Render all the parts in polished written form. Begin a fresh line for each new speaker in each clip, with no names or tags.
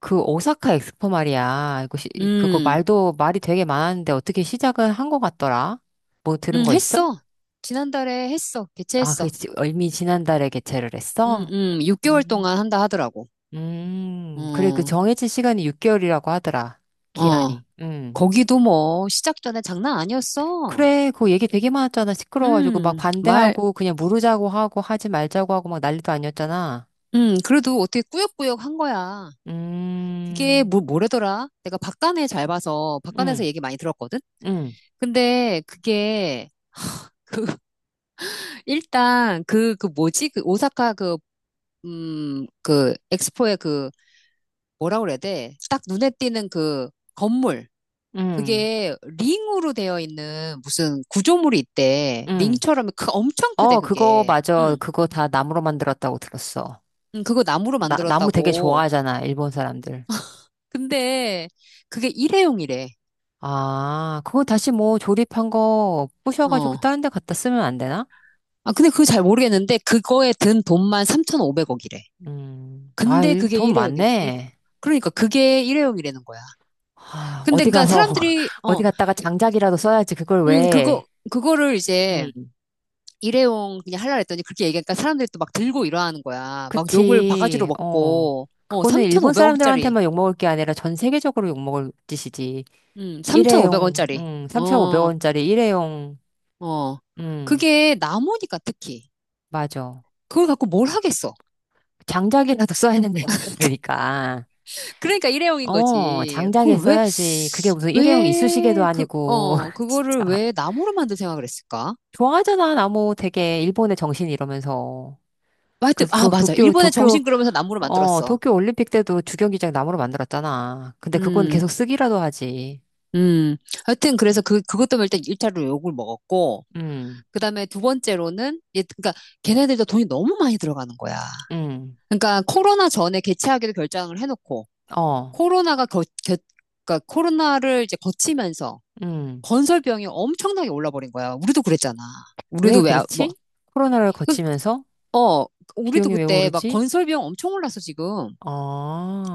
그 오사카 엑스포 말이야. 이거 시, 그거
음,
말도 말이 되게 많았는데 어떻게 시작을 한 것 같더라? 뭐 들은 거 있어?
했어. 지난달에 했어.
아,
개최했어.
이미 지난달에 개최를 했어?
6개월
음,
동안 한다 하더라고. 어,
그래 그 정해진 시간이 6개월이라고 하더라.
어.
기한이. 음.
거기도 시작 전에 장난 아니었어.
그래, 그거 얘기 되게 많았잖아. 시끄러워가지고 막
음, 말,
반대하고 그냥 무르자고 하고 하지 말자고 하고 막 난리도 아니었잖아.
그래도 어떻게 꾸역꾸역 한 거야. 그게
음,
뭐래더라? 내가 박간에 잘 봐서, 박간에서
음,
얘기 많이 들었거든?
음,
근데 그게, 그, 일단, 그, 그 뭐지? 그 오사카 엑스포의 뭐라 그래야 돼? 딱 눈에 띄는 그 건물.
음,
그게 링으로 되어 있는 무슨 구조물이 있대.
음.
엄청 크대,
어, 그거
그게.
맞아.
응.
그거 다 나무로 만들었다고 들었어.
응, 그거 나무로
나무 되게
만들었다고.
좋아하잖아, 일본 사람들.
근데 그게 일회용이래.
아, 그거 다시 뭐 조립한 거 부셔가지고
어.
다른 데 갖다 쓰면 안 되나?
근데 그거 잘 모르겠는데 그거에 든 돈만 3,500억이래.
아,
근데
일,
그게
돈 많네.
그러니까 그게 일회용이라는 거야.
아,
근데
어디
그러니까
가서,
사람들이 어,
어디 갔다가 장작이라도 써야지, 그걸 왜.
그거 그거를 이제
음,
일회용 그냥 하려고 했더니 그렇게 얘기하니까 사람들이 또 막 들고 일어나는 거야. 막 욕을 바가지로
그치, 어.
먹고,
그거는 일본
3,500억짜리.
사람들한테만 욕먹을 게 아니라 전 세계적으로 욕먹을 짓이지. 일회용,
3,500원짜리. 어,
3,500원짜리 일회용,
어.
음,
그게 나무니까 특히.
맞아.
그걸 갖고 뭘 하겠어.
장작이라도 써야 된다니까, 그러니까.
그러니까 일회용인
어,
거지.
장작에 써야지. 그게 무슨 일회용 이쑤시개도 아니고,
그거를
진짜.
왜 나무로 만들 생각을 했을까?
좋아하잖아, 나무 되게, 일본의 정신 이러면서. 그래서
맞아. 일본의
도쿄,
정신 그러면서 나무로
어,
만들었어.
도쿄 올림픽 때도 주경기장 나무로 만들었잖아. 근데 그건
음,
계속 쓰기라도 하지.
음. 하여튼, 그래서 그것 때문에 일단 일차로 욕을 먹었고,
음,
그 다음에 두 번째로는, 그러니까 걔네들도 돈이 너무 많이 들어가는 거야.
음,
그러니까 코로나 전에 개최하기로 결정을 해놓고,
어,
코로나가 거, 겨, 그러니까 코로나를 이제 거치면서
음.
건설비용이 엄청나게 올라버린 거야. 우리도 그랬잖아.
왜
우리도 왜, 아- 뭐,
그렇지? 코로나를
그-
거치면서
어, 우리도
비용이 왜
그때 막
오르지?
건설비용 엄청 올랐어, 지금.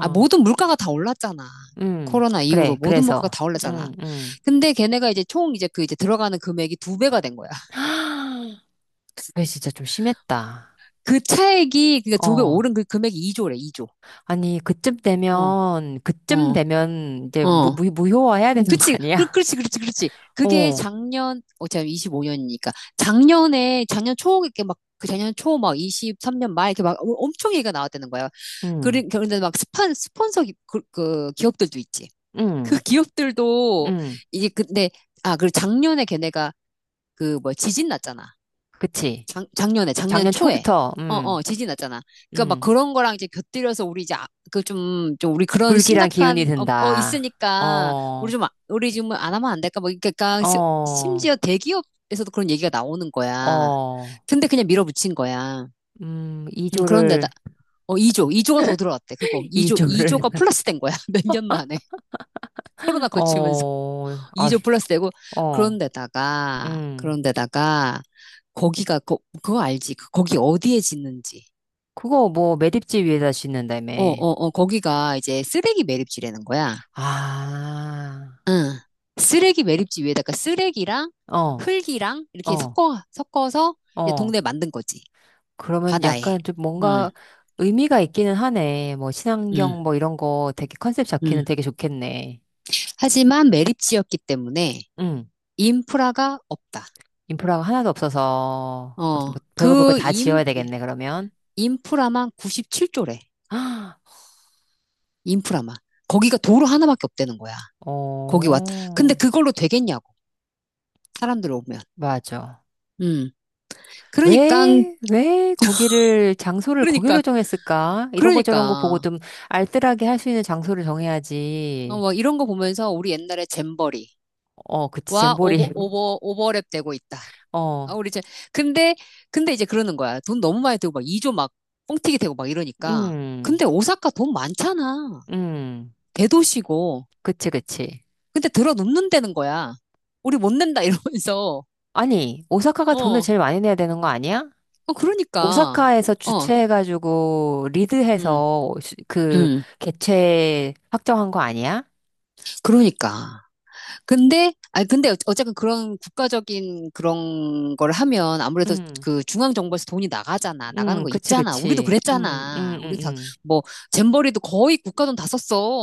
모든 물가가 다 올랐잖아. 코로나 이후로
그래,
모든 물가가
그래서,
다 올랐잖아.
음.
근데 걔네가 이제 총 이제 그 이제 들어가는 금액이 두 배가 된 거야.
그게 진짜 좀 심했다.
그 차액이, 그니까 두 배
어.
오른 그 금액이 2조래, 2조.
아니, 그쯤
어,
되면, 그쯤
어,
되면 이제
어.
무효화해야 되는 거
그치, 그,
아니야?
그렇지, 그렇지, 그렇지. 그게
어,
작년, 제 25년이니까. 작년 초, 이렇게 막, 그 작년 초, 막, 23년 말, 엄청 얘기가 나왔다는 거야.
응,
그런데 스폰서, 기업들도 있지. 그
응,
기업들도,
응.
이게, 근데, 아, 그리고 작년에 지진 났잖아.
그치.
작년
작년
초에.
초부터, 응,
지진 났잖아. 그니까 막
응.
그런 거랑 이제 곁들여서 우리 이제, 아, 그 좀, 좀 우리 그런
불길한 기운이 든다.
있으니까,
어,
우리 지금 안 하면 안 될까?
어,
심지어 대기업에서도 그런 얘기가 나오는 거야.
어.
근데 그냥 밀어붙인 거야. 음,
이조를이조를
그런데다, 어, 2조, 2조가 더 들어왔대, 그거. 2조가 플러스 된 거야, 몇 년 만에. 코로나 거치면서.
어,
2조
아휴,
플러스 되고
어,
그런데다가
음.
그런데다가 그거 알지? 그 거기 어디에 짓는지.
그거 뭐 매립지 위에다 짓는다며.
거기가 이제 쓰레기 매립지라는 거야.
아,
응. 쓰레기 매립지 위에다가 쓰레기랑
어,
흙이랑 이렇게
어,
섞어서 이제
어.
동네 만든 거지.
그러면
바다에.
약간 좀
음,
뭔가 의미가 있기는 하네. 뭐 친환경
음,
뭐 이런 거 되게 컨셉 잡기는
음.
되게 좋겠네.
하지만 매립지였기 때문에
응.
인프라가 없다.
인프라가 하나도 없어서
어,
뭐 별거 별거
그
다
인,
지어야
예,
되겠네, 그러면.
인프라만 97조래. 인프라만. 거기가 도로 하나밖에 없다는 거야. 거기 왔. 근데
어,
그걸로 되겠냐고. 사람들 오면.
맞아.
음. 그러니까,
왜, 왜 거기를, 장소를
그러니까,
거기로 정했을까? 이런 거 저런 거 보고
그러니까.
좀 알뜰하게 할 수 있는 장소를 정해야지.
뭐 이런 거 보면서 우리 옛날에 잼버리와
어, 그치, 잼버리.
오버랩 되고 있다. 아,
어,
우리 이제, 근데, 근데 이제 그러는 거야. 돈 너무 많이 들고 막 2조 막 뻥튀기 되고 막 이러니까.
음,
근데 오사카 돈 많잖아.
음,
대도시고.
그치, 그치.
근데 들어 눕는다는 거야. 우리 못 낸다 이러면서.
아니, 오사카가
어,
돈을
어,
제일 많이 내야 되는 거 아니야?
그러니까.
오사카에서
어,
주최해가지고
음,
리드해서 그
음,
개최 확정한 거 아니야?
그러니까. 근데, 아, 근데 어- 어쨌든 그런 국가적인 그런 걸 하면 아무래도
응,
그 중앙정부에서 돈이 나가잖아. 나가는
응,
거
그치,
있잖아. 우리도
그치. 응, 응,
그랬잖아.
응, 응.
뭐, 잼버리도 거의 국가 돈 다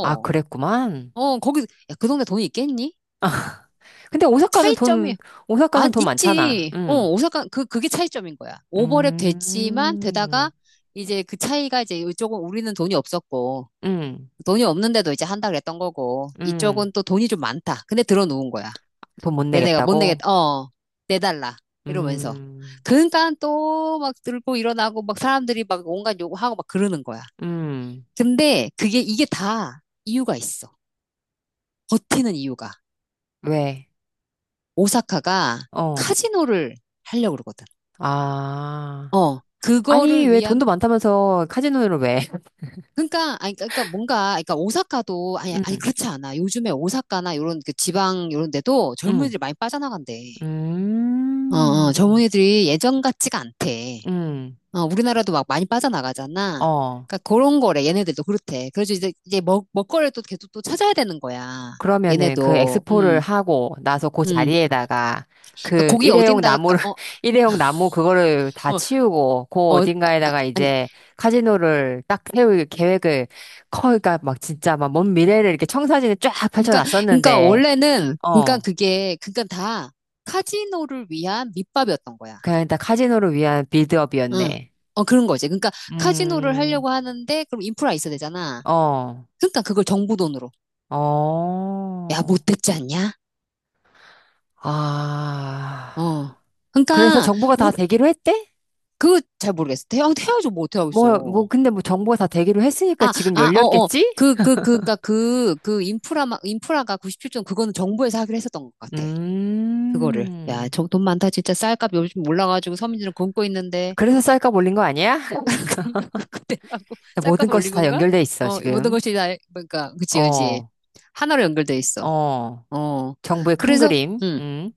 아, 그랬구만.
야, 그 동네 돈이 있겠니?
근데 오사카는
차이점이,
돈, 오사카는
안,
돈 많잖아.
있지.
응,
그게 차이점인 거야.
음,
이제 그 차이가 이제 이쪽은 우리는 돈이 없었고,
응,
돈이 없는데도 이제 한다 그랬던 거고,
응.
이쪽은 또 돈이 좀 많다. 근데 들어놓은 거야.
돈 못
얘네가 못
내겠다고?
내겠다. 내달라. 이러면서.
음,
그러니까 또 막 들고 일어나고 막 사람들이 막 온갖 요구하고 막 그러는 거야.
음.
근데 그게 이게 다 이유가 있어. 버티는 이유가.
왜?
오사카가
어.
카지노를 하려고 그러거든.
아. 아니,
그거를
왜
위한
돈도 많다면서 카지노를 왜?
그러니까 아니 그러니까 뭔가 그러니까 오사카도 아니 아니
응,
그렇지 않아. 요즘에 오사카나 요런 그 지방 요런 데도
응,
젊은이들이 많이 빠져나간대.
음,
젊은이들이 예전 같지가 않대.
응,
우리나라도 막 많이 빠져나가잖아.
어.
그러니까 그런 거래. 얘네들도 그렇대. 그래서 이제 이제 먹 먹거리를 또 계속 또 찾아야 되는 거야.
그러면은 그
얘네도.
엑스포를 하고 나서 그
음.
자리에다가
그러니까
그
고기
일회용
어딘다가 까-
나무를,
어,
일회용 나무 그거를 다
어,
치우고 그
어, 아, 아,
어딘가에다가
아니.
이제 카지노를 딱 세울 계획을 커, 그러니까 막 진짜 막 먼 미래를 이렇게 청사진에 쫙
그러니까 그러니까
펼쳐놨었는데,
원래는 그러니까
어.
그게 그러니까 다 카지노를 위한 밑밥이었던 거야.
그냥 일단 카지노를 위한
응.
빌드업이었네.
어, 그런 거지. 그러니까 카지노를
음,
하려고 하는데 그럼 인프라 있어야 되잖아.
어.
그러니까 그걸 정부 돈으로. 야,
어.
못됐지 않냐?
아.
어.
그래서
그러니까
정보가 다 되기로 했대?
그거 잘 모르겠어. 태양에서 뭐 어떻게 하고
뭐,
있어.
뭐, 근데 뭐 정보가 다 되기로 했으니까
아,
지금
아, 어, 어.
열렸겠지?
그, 그, 그, 그니까 그, 그 인프라, 인프라가 97조, 그거는 정부에서 하기로 했었던 것 같아. 그거를. 야,
음.
돈 많다. 진짜 쌀값 요즘 올라가지고 서민들은 굶고 있는데.
그래서 쌀값 올린 거 아니야?
그런가, 그거 내려고 쌀값
모든 것이
올린
다
건가?
연결돼 있어,
모든
지금.
것이 그치.
어,
하나로 연결돼 있어.
어.
어.
정부의 큰
그래서,
그림.
음.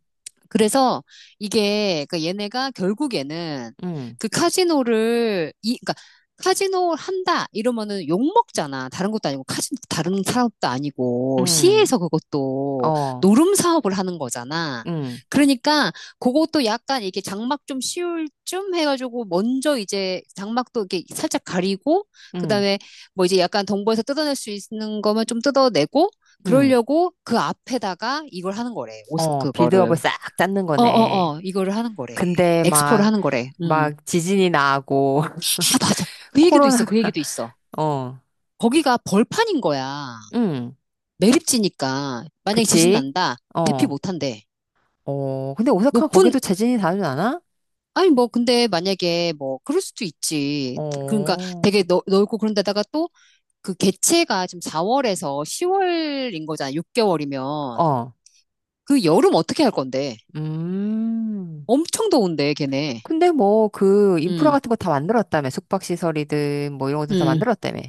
그래서 이게 그러니까 얘네가 결국에는
음,
그 카지노를 이 그러니까 카지노를 한다 이러면은 욕 먹잖아. 다른 사업도 아니고
음,
시에서 그것도
어,
노름 사업을 하는 거잖아.
음,
그러니까 그것도 약간 이게 장막 좀 씌울 쯤 해가지고 먼저 이제 장막도 이렇게 살짝 가리고
음,
그다음에 뭐 이제 약간 동부에서 뜯어낼 수 있는 거면 좀 뜯어내고
음.
그러려고 그 앞에다가 이걸 하는 거래. 옷
어, 빌드업을
그거를
싹 짰는 거네.
이거를 하는 거래.
근데
엑스포를
막,
하는 거래. 음.
막 지진이 나고,
아, 맞아.
코로나,
그 얘기도 있어.
어,
거기가 벌판인 거야.
음.
매립지니까. 만약에 지진
그치?
난다. 대피
어,
못 한대.
어, 근데 오사카
높은,
거기도 재진이 다르지 않아?
아니, 뭐, 근데 만약에 뭐, 그럴 수도 있지.
어,
넓고 그런 데다가 또 그 개체가 지금 4월에서 10월인 거잖아. 6개월이면.
어,
그 여름 어떻게 할 건데?
음.
엄청 더운데, 걔네.
근데 뭐 그 인프라
음,
같은 거 다 만들었다며. 숙박시설이든 뭐 이런 것도 다
음.
만들었다며.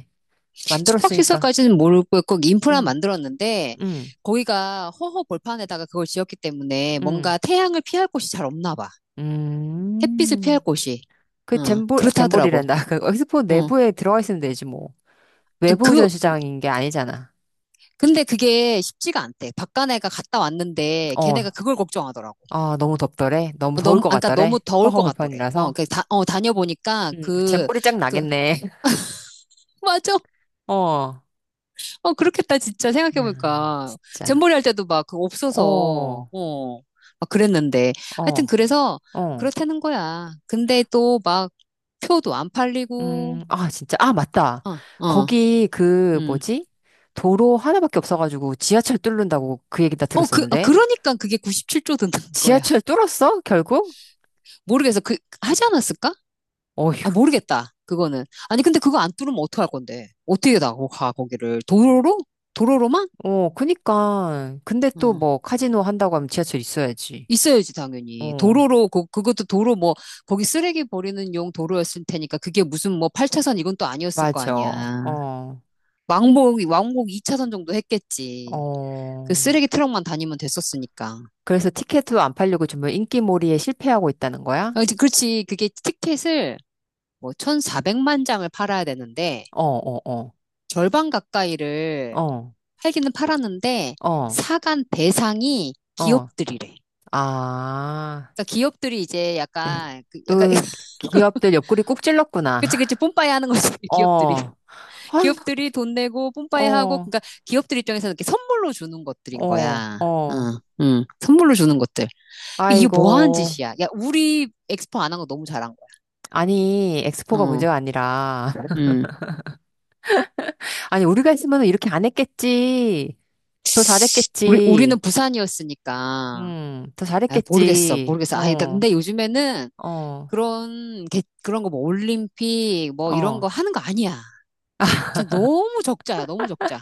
만들었으니까.
숙박시설까지는 모르고 꼭 인프라
응,
만들었는데
응,
거기가 허허 벌판에다가 그걸 지었기 때문에
응,
뭔가 태양을 피할 곳이 잘 없나 봐. 햇빛을 피할
음.
곳이.
그
어, 그렇다더라고.
잼볼이란다. 그 엑스포
어.
내부에 들어가 있으면 되지 뭐. 외부
그,
전시장인 게 아니잖아.
근데 그게 쉽지가 않대. 박간애가 갔다 왔는데
어,
걔네가 그걸 걱정하더라고.
아, 너무 덥더래. 너무 더울
너무,
것
아, 까 너무
같더래.
더울
허허
것 같더래.
벌판이라서.
다녀보니까
잼볼이 짱
그,
나겠네.
맞아.
어.
어, 그렇겠다, 진짜,
야,
생각해보니까.
진짜.
잼버리 할 때도 막, 그, 없어서,
어,
막 그랬는데. 하여튼,
어,
그래서,
어.
그렇다는 거야. 표도 안 팔리고,
아, 진짜. 아, 맞다.
어, 어,
거기 그
음.
뭐지? 도로 하나밖에 없어가지고 지하철 뚫는다고 그 얘기 다 들었었는데.
그러니까 그게 97조 드는 거야.
지하철 뚫었어? 결국?
모르겠어. 하지 않았을까?
어휴.
아, 모르겠다. 그거는. 아니, 근데 그거 안 뚫으면 어떡할 건데? 어떻게 나가, 거기를? 도로로? 도로로만?
어, 그니까. 근데 또
어.
뭐 카지노 한다고 하면 지하철 있어야지.
있어야지 당연히
어,
도로로 그, 그것도 도로 뭐 거기 쓰레기 버리는 용 도로였을 테니까 그게 무슨 8차선 이건 또 아니었을 거
맞아.
아니야
어,
왕복 2차선 정도 했겠지 그
어.
쓰레기 트럭만 다니면 됐었으니까
그래서 티켓도 안 팔려고 정말 인기몰이에 실패하고 있다는 거야?
아, 이제 그렇지 그게 티켓을 뭐 1,400만 장을 팔아야 되는데
어, 어, 어.
절반 가까이를
어,
팔기는 팔았는데
어,
사간 배상이
어.
기업들이래
아,
그러니까 기업들이 이제
네.
약간 그- 약간
또 기업들 옆구리 꾹 찔렀구나.
그치 그치 뽐빠이 하는 거지 기업들이
어. 아휴,
기업들이 돈 내고 뽐빠이 하고,
어,
그러니까 기업들 입장에서는 이렇게 선물로 주는 것들인
어,
거야.
어.
응. 선물로 주는 것들. 이게 뭐 하는
아이고.
짓이야? 야, 우리 엑스포 안 한 거 너무 잘한
아니,
거야.
엑스포가 문제가 아니라.
응.
아니, 우리가 했으면 이렇게 안 했겠지. 더
우리는
잘했겠지.
부산이었으니까.
더 잘했겠지.
모르겠어. 아니, 나-
어,
근데 요즘에는
어,
그런 거 뭐 올림픽 뭐 이런 거
어.
하는 거 아니야. 진짜 너무 적자야, 너무 적자.